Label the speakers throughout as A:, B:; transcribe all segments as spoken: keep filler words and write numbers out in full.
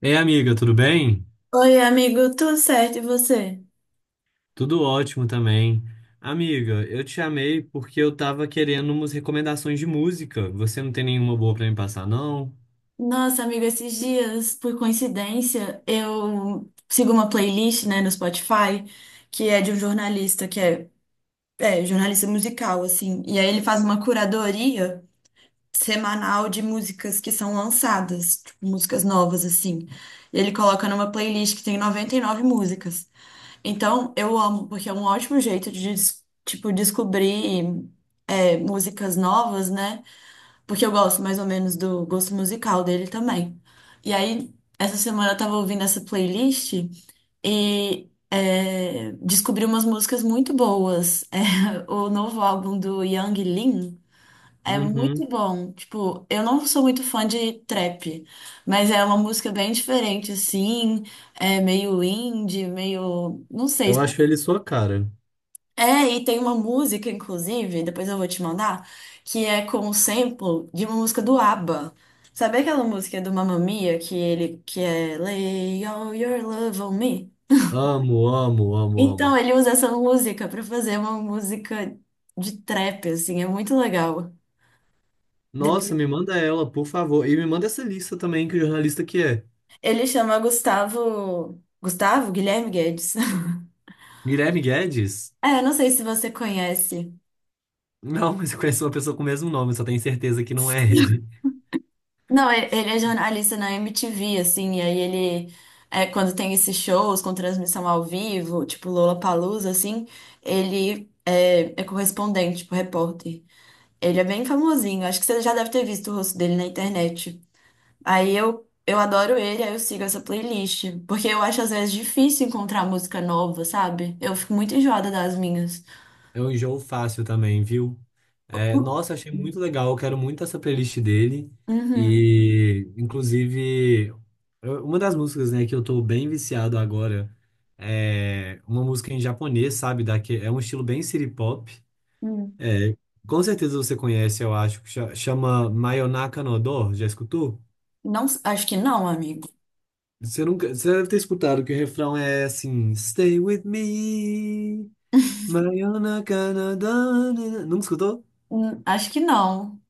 A: Ei, amiga, tudo bem?
B: Oi, amigo, tudo certo e você?
A: Tudo ótimo também. Amiga, eu te chamei porque eu tava querendo umas recomendações de música. Você não tem nenhuma boa pra me passar, não?
B: Nossa, amigo, esses dias, por coincidência, eu sigo uma playlist, né, no Spotify, que é de um jornalista, que é, é jornalista musical, assim, e aí ele faz uma curadoria semanal de músicas que são lançadas, tipo, músicas novas, assim. E ele coloca numa playlist que tem noventa e nove músicas. Então, eu amo, porque é um ótimo jeito de, des- tipo, descobrir, é, músicas novas, né? Porque eu gosto mais ou menos do gosto musical dele também. E aí, essa semana eu tava ouvindo essa playlist e é, descobri umas músicas muito boas. É, o novo álbum do Yang Lin é muito
A: Uhum.
B: bom. Tipo, eu não sou muito fã de trap, mas é uma música bem diferente, assim, é meio indie, meio, não
A: Eu
B: sei
A: acho ele sua cara.
B: é, E tem uma música, inclusive, depois eu vou te mandar, que é com um sample de uma música do ABBA. Sabe aquela música do Mamma Mia que ele que é Lay All Your Love on Me?
A: Amo, amo, amo,
B: Então
A: amo.
B: ele usa essa música pra fazer uma música de trap, assim, é muito legal.
A: Nossa,
B: Depois-
A: me manda ela, por favor. E me manda essa lista também, que jornalista que é?
B: Ele chama Gustavo, Gustavo Guilherme Guedes.
A: Guilherme Guedes?
B: É, não sei se você conhece.
A: Não, mas eu conheço uma pessoa com o mesmo nome, só tenho certeza que não é ele.
B: Não, e- ele é jornalista na M T V, assim, e aí ele, é, quando tem esses shows com transmissão ao vivo, tipo Lollapalooza, assim, ele é, é correspondente, tipo repórter. Ele é bem famosinho, acho que você já deve ter visto o rosto dele na internet. Aí eu, eu adoro ele, aí eu sigo essa playlist, porque eu acho às vezes difícil encontrar música nova, sabe? Eu fico muito enjoada das minhas.
A: É um enjoo fácil também, viu? É, nossa, achei muito legal. Eu quero muito essa playlist dele.
B: Uhum.
A: E, inclusive, eu- uma das músicas, né, que eu tô bem viciado agora é uma música em japonês, sabe? Daqui, é um estilo bem city pop.
B: Hum.
A: É, com certeza você conhece, eu acho, que cha- chama Mayonaka no Do. Já escutou?
B: Não, acho que não, amigo.
A: Você nunca, você deve ter escutado que o refrão é assim: Stay with me, Mayonaka no Do. né, né? Nunca escutou?
B: Hum, acho que não.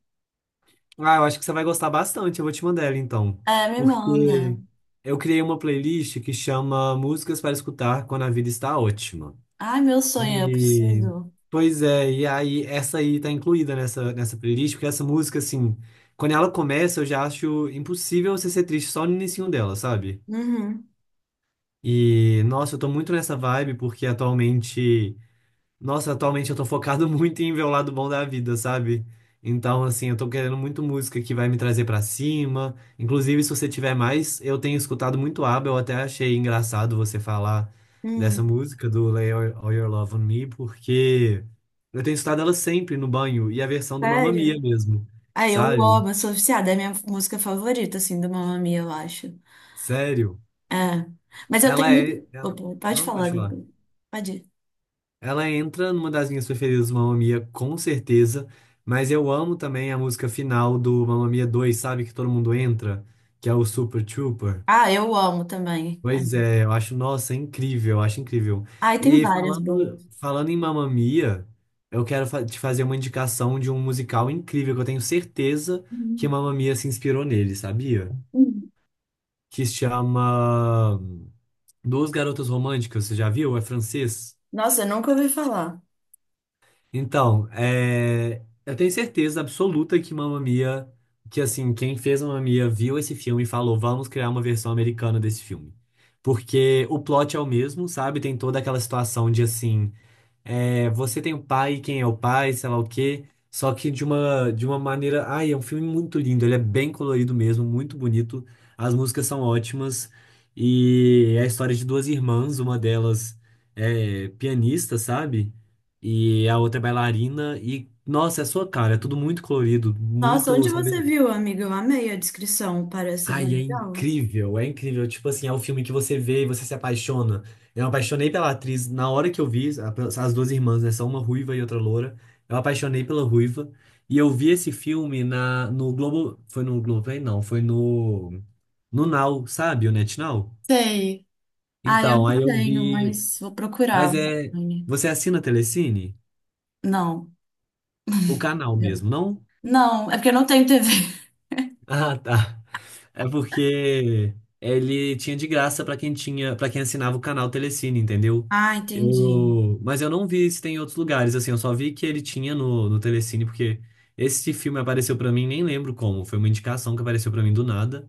A: Ah, eu acho que você vai gostar bastante. Eu vou te mandar ela então.
B: É, me manda.
A: Porque eu criei uma playlist que chama Músicas para Escutar Quando a Vida Está Ótima.
B: Ai, meu sonho, eu
A: E.
B: preciso.
A: Pois é, e aí essa aí tá incluída nessa, nessa playlist, porque essa música, assim, quando ela começa, eu já acho impossível você ser triste só no inicinho dela, sabe?
B: Uhum.
A: E, nossa, eu tô muito nessa vibe, porque atualmente. Nossa, atualmente eu tô focado muito em ver o lado bom da vida, sabe? Então, assim, eu tô querendo muito música que vai me trazer pra cima. Inclusive, se você tiver mais, eu tenho escutado muito ABBA, eu até achei engraçado você falar dessa
B: Hum.
A: música do Lay All All Your Love on Me, porque eu tenho escutado ela sempre no banho e a versão do Mamma Mia
B: Sério?
A: mesmo,
B: Ah, eu
A: sabe?
B: amo, eu sou viciada, é a minha música favorita, assim, do Mamma Mia, eu acho.
A: Sério.
B: É. Mas eu tenho
A: Ela é.
B: muito.
A: ela-
B: Opa, pode
A: Não,
B: falar
A: pode falar.
B: depois. Pode ir.
A: Ela entra numa das minhas preferidas do Mamma Mia, com certeza, mas eu amo também a música final do Mamma Mia dois, sabe? Que todo mundo entra, que é o Super Trooper.
B: Ah, eu amo também. É.
A: Pois é, eu acho, nossa, é incrível, eu acho incrível.
B: Ai, tem
A: E
B: várias boas.
A: falando, falando em Mamma Mia, eu quero fa- te fazer uma indicação de um musical incrível que eu tenho certeza que
B: Uhum.
A: Mamma Mia se inspirou nele, sabia?
B: Uhum.
A: Que se chama Duas Garotas Românticas, você já viu? É francês?
B: Nossa, eu nunca ouvi falar.
A: Então, é, eu tenho certeza absoluta que Mamma Mia, que assim, quem fez Mamma Mia viu esse filme e falou, vamos criar uma versão americana desse filme. Porque o plot é o mesmo, sabe? Tem toda aquela situação de assim é, você tem o pai, quem é o pai, sei lá o quê. Só que de uma, de uma maneira. Ai, é um filme muito lindo, ele é bem colorido mesmo, muito bonito. As músicas são ótimas. E é a história de duas irmãs, uma delas é pianista, sabe? E a outra é bailarina. E, nossa, é a sua cara, é tudo muito colorido,
B: Nossa,
A: muito,
B: onde você
A: sabe?
B: viu, amiga? Eu amei a descrição, parece bem
A: Ai, é
B: legal.
A: incrível, é incrível. Tipo assim, é o filme que você vê e você se apaixona. Eu me apaixonei pela atriz na hora que eu vi, a- as duas irmãs, né? São uma ruiva e outra loura. Eu me apaixonei pela ruiva. E eu vi esse filme na, no Globo. Foi no Globo, hein? Não, foi no. No Now, sabe? O NetNow.
B: Sei. Ah, eu
A: Então,
B: não
A: aí eu
B: tenho,
A: vi.
B: mas vou procurar.
A: Mas é. Você assina Telecine?
B: Não.
A: O canal
B: eu-
A: mesmo, não?
B: Não, é porque eu não tenho T V.
A: Ah, tá. É porque ele tinha de graça pra quem tinha, para quem assinava o canal Telecine, entendeu?
B: Ah, entendi.
A: Eu, mas eu não vi se tem em outros lugares, assim, eu só vi que ele tinha no, no Telecine, porque esse filme apareceu pra mim, nem lembro como, foi uma indicação que apareceu pra mim do nada.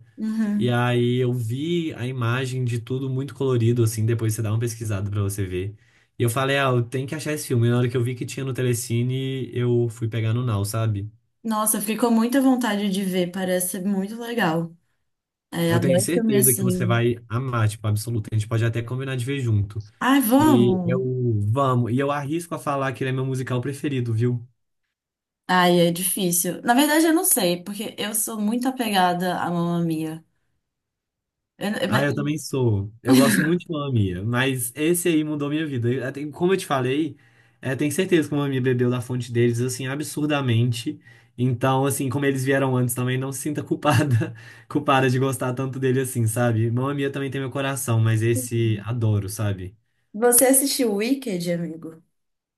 A: E
B: Uhum.
A: aí eu vi a imagem de tudo muito colorido, assim, depois você dá uma pesquisada pra você ver. E eu falei, ah, eu tenho que achar esse filme. E na hora que eu vi que tinha no Telecine, eu fui pegar no Now, sabe?
B: Nossa, ficou muita vontade de ver, parece ser muito legal. É,
A: Eu tenho
B: adoro filme
A: certeza que você
B: assim.
A: vai amar, tipo, absoluto. A gente pode até combinar de ver junto.
B: Ai,
A: E eu
B: vamos!
A: vamos, e eu arrisco a falar que ele é meu musical preferido, viu?
B: Ai, é difícil. Na verdade, eu não sei, porque eu sou muito apegada à Mamma Mia. Eu- eu- mas-
A: Ah, eu também sou. Eu gosto muito de Mamma Mia, mas esse aí mudou minha vida. Eu- tenho- Como eu te falei, é, tenho certeza que o Mamma Mia bebeu da fonte deles, assim, absurdamente. Então, assim, como eles vieram antes também, não se sinta culpada, culpada de gostar tanto dele assim, sabe? Mamma Mia também tem meu coração, mas esse adoro, sabe?
B: Você assistiu Wicked, amigo?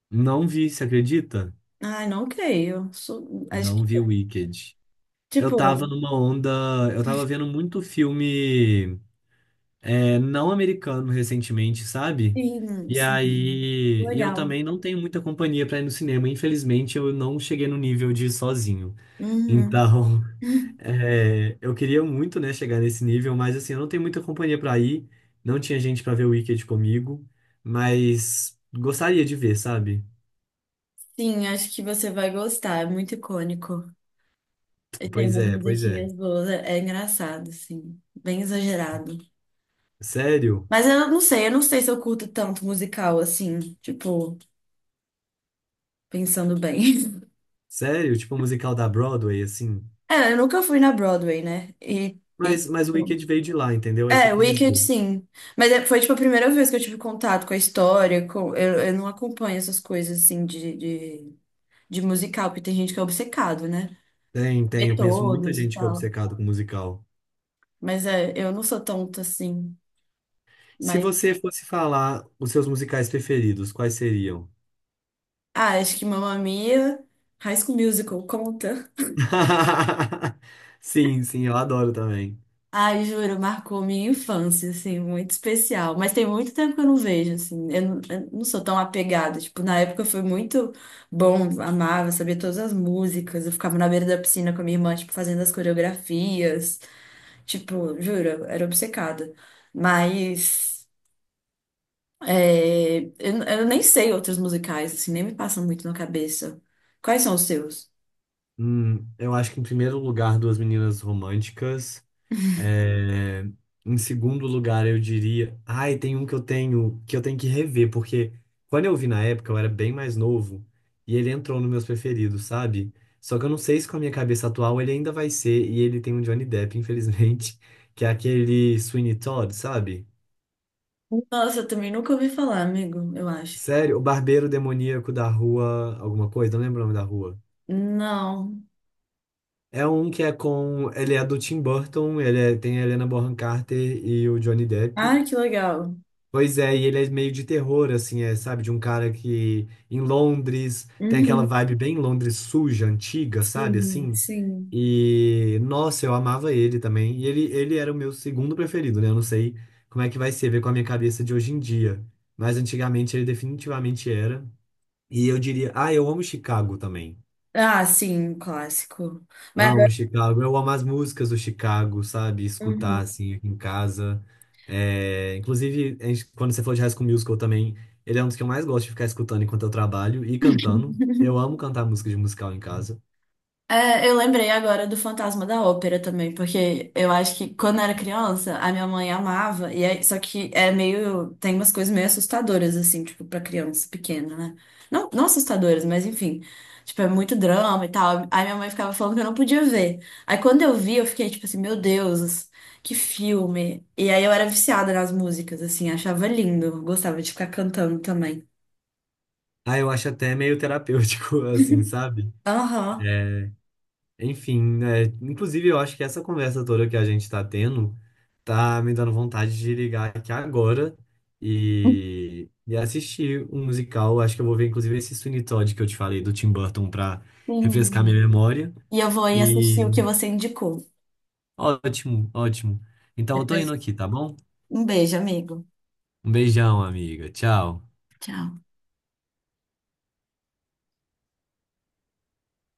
A: Não vi, você acredita?
B: Ai, não creio. Sou- acho que,
A: Não vi Wicked. Eu tava
B: tipo,
A: numa onda. Eu tava vendo muito filme é, não americano recentemente, sabe?
B: sim,
A: E
B: sim.
A: aí. E eu
B: Legal.
A: também não tenho muita companhia pra ir no cinema. Infelizmente, eu não cheguei no nível de ir sozinho.
B: Uhum.
A: Então, é, eu queria muito, né, chegar nesse nível, mas assim, eu não tenho muita companhia pra ir. Não tinha gente pra ver o Wicked comigo. Mas gostaria de ver, sabe?
B: Sim, acho que você vai gostar, é muito icônico. E tem
A: Pois
B: umas
A: é, pois é.
B: musiquinhas boas, é, é engraçado, assim, bem exagerado.
A: Sério?
B: Mas eu não sei, eu não sei se eu curto tanto musical, assim, tipo, pensando bem.
A: Sério? Tipo um musical da Broadway, assim.
B: É, eu nunca fui na Broadway, né? E, e
A: Mas, mas o
B: tipo,
A: Wicked veio de lá, entendeu? É isso que
B: é,
A: eu quis
B: Wicked,
A: dizer.
B: sim. Mas é- foi, tipo, a primeira vez que eu tive contato com a história, com, eu, eu não acompanho essas coisas, assim, de, de, de musical, porque tem gente que é obcecado, né?
A: Tem,
B: Vê
A: tem. Eu conheço muita
B: todos e
A: gente que é
B: tal.
A: obcecada com musical.
B: Mas é, eu não sou tonta, assim.
A: Se você fosse falar os seus musicais preferidos, quais seriam?
B: Ah, acho que Mamma Mia, High School Musical, conta.
A: Sim, sim, eu adoro também.
B: Ai, juro, marcou minha infância, assim, muito especial. Mas tem muito tempo que eu não vejo, assim, eu não, eu não sou tão apegada. Tipo, na época foi muito bom, amava, sabia todas as músicas. Eu ficava na beira da piscina com a minha irmã, tipo, fazendo as coreografias. Tipo, juro, eu era obcecada. Mas é, eu, eu nem sei outros musicais, assim, nem me passam muito na cabeça. Quais são os seus?
A: Hum, eu acho que em primeiro lugar, Duas Meninas Românticas. É, em segundo lugar, eu diria. Ai, tem um que eu tenho que eu tenho que rever, porque quando eu vi na época, eu era bem mais novo e ele entrou nos meus preferidos, sabe? Só que eu não sei se com a minha cabeça atual ele ainda vai ser, e ele tem um Johnny Depp, infelizmente, que é aquele Sweeney Todd, sabe?
B: Nossa, eu também nunca ouvi falar, amigo, eu acho.
A: Sério, o barbeiro demoníaco da rua, alguma coisa, não lembro o nome da rua.
B: Não.
A: É um que é com. Ele é do Tim Burton, ele é- tem a Helena Bonham Carter e o Johnny Depp.
B: Ai, que legal.
A: Pois é, e ele é meio de terror, assim, é, sabe? De um cara que em Londres tem aquela
B: Uhum.
A: vibe bem Londres suja, antiga, sabe?
B: Sim,
A: Assim.
B: sim.
A: E nossa, eu amava ele também. E ele, ele era o meu segundo preferido, né? Eu não sei como é que vai ser ver com a minha cabeça de hoje em dia, mas antigamente ele definitivamente era. E eu diria, ah, eu amo Chicago também.
B: Ah, sim, um clássico. Mas,
A: Amo
B: agora-
A: Chicago. Eu amo as músicas do Chicago, sabe? Escutar,
B: Uhum.
A: assim, aqui em casa. É, inclusive, a gente- quando você falou de High School Musical também, ele é um dos que eu mais gosto de ficar escutando enquanto eu trabalho e cantando. Eu amo cantar música de musical em casa.
B: É, eu lembrei agora do Fantasma da Ópera também, porque eu acho que quando eu era criança, a minha mãe amava, e aí, só que é meio, tem umas coisas meio assustadoras, assim, tipo, pra criança pequena, né? Não, não assustadoras, mas enfim, tipo, é muito drama e tal. Aí minha mãe ficava falando que eu não podia ver. Aí quando eu vi, eu fiquei tipo assim, meu Deus, que filme. E aí eu era viciada nas músicas, assim, achava lindo, gostava de ficar cantando também.
A: Ah, eu acho até meio terapêutico, assim, sabe?
B: Aham.
A: Enfim, né? Inclusive, eu acho que essa conversa toda que a gente tá tendo tá me dando vontade de ligar aqui agora e, e assistir um musical. Acho que eu vou ver, inclusive, esse Sweeney Todd que eu te falei do Tim Burton pra refrescar minha
B: Sim.
A: memória.
B: E eu vou aí assistir o
A: E
B: que você indicou.
A: ótimo, ótimo. Então, eu tô
B: Depois
A: indo aqui, tá bom?
B: um beijo, amigo.
A: Um beijão, amiga. Tchau.
B: Tchau.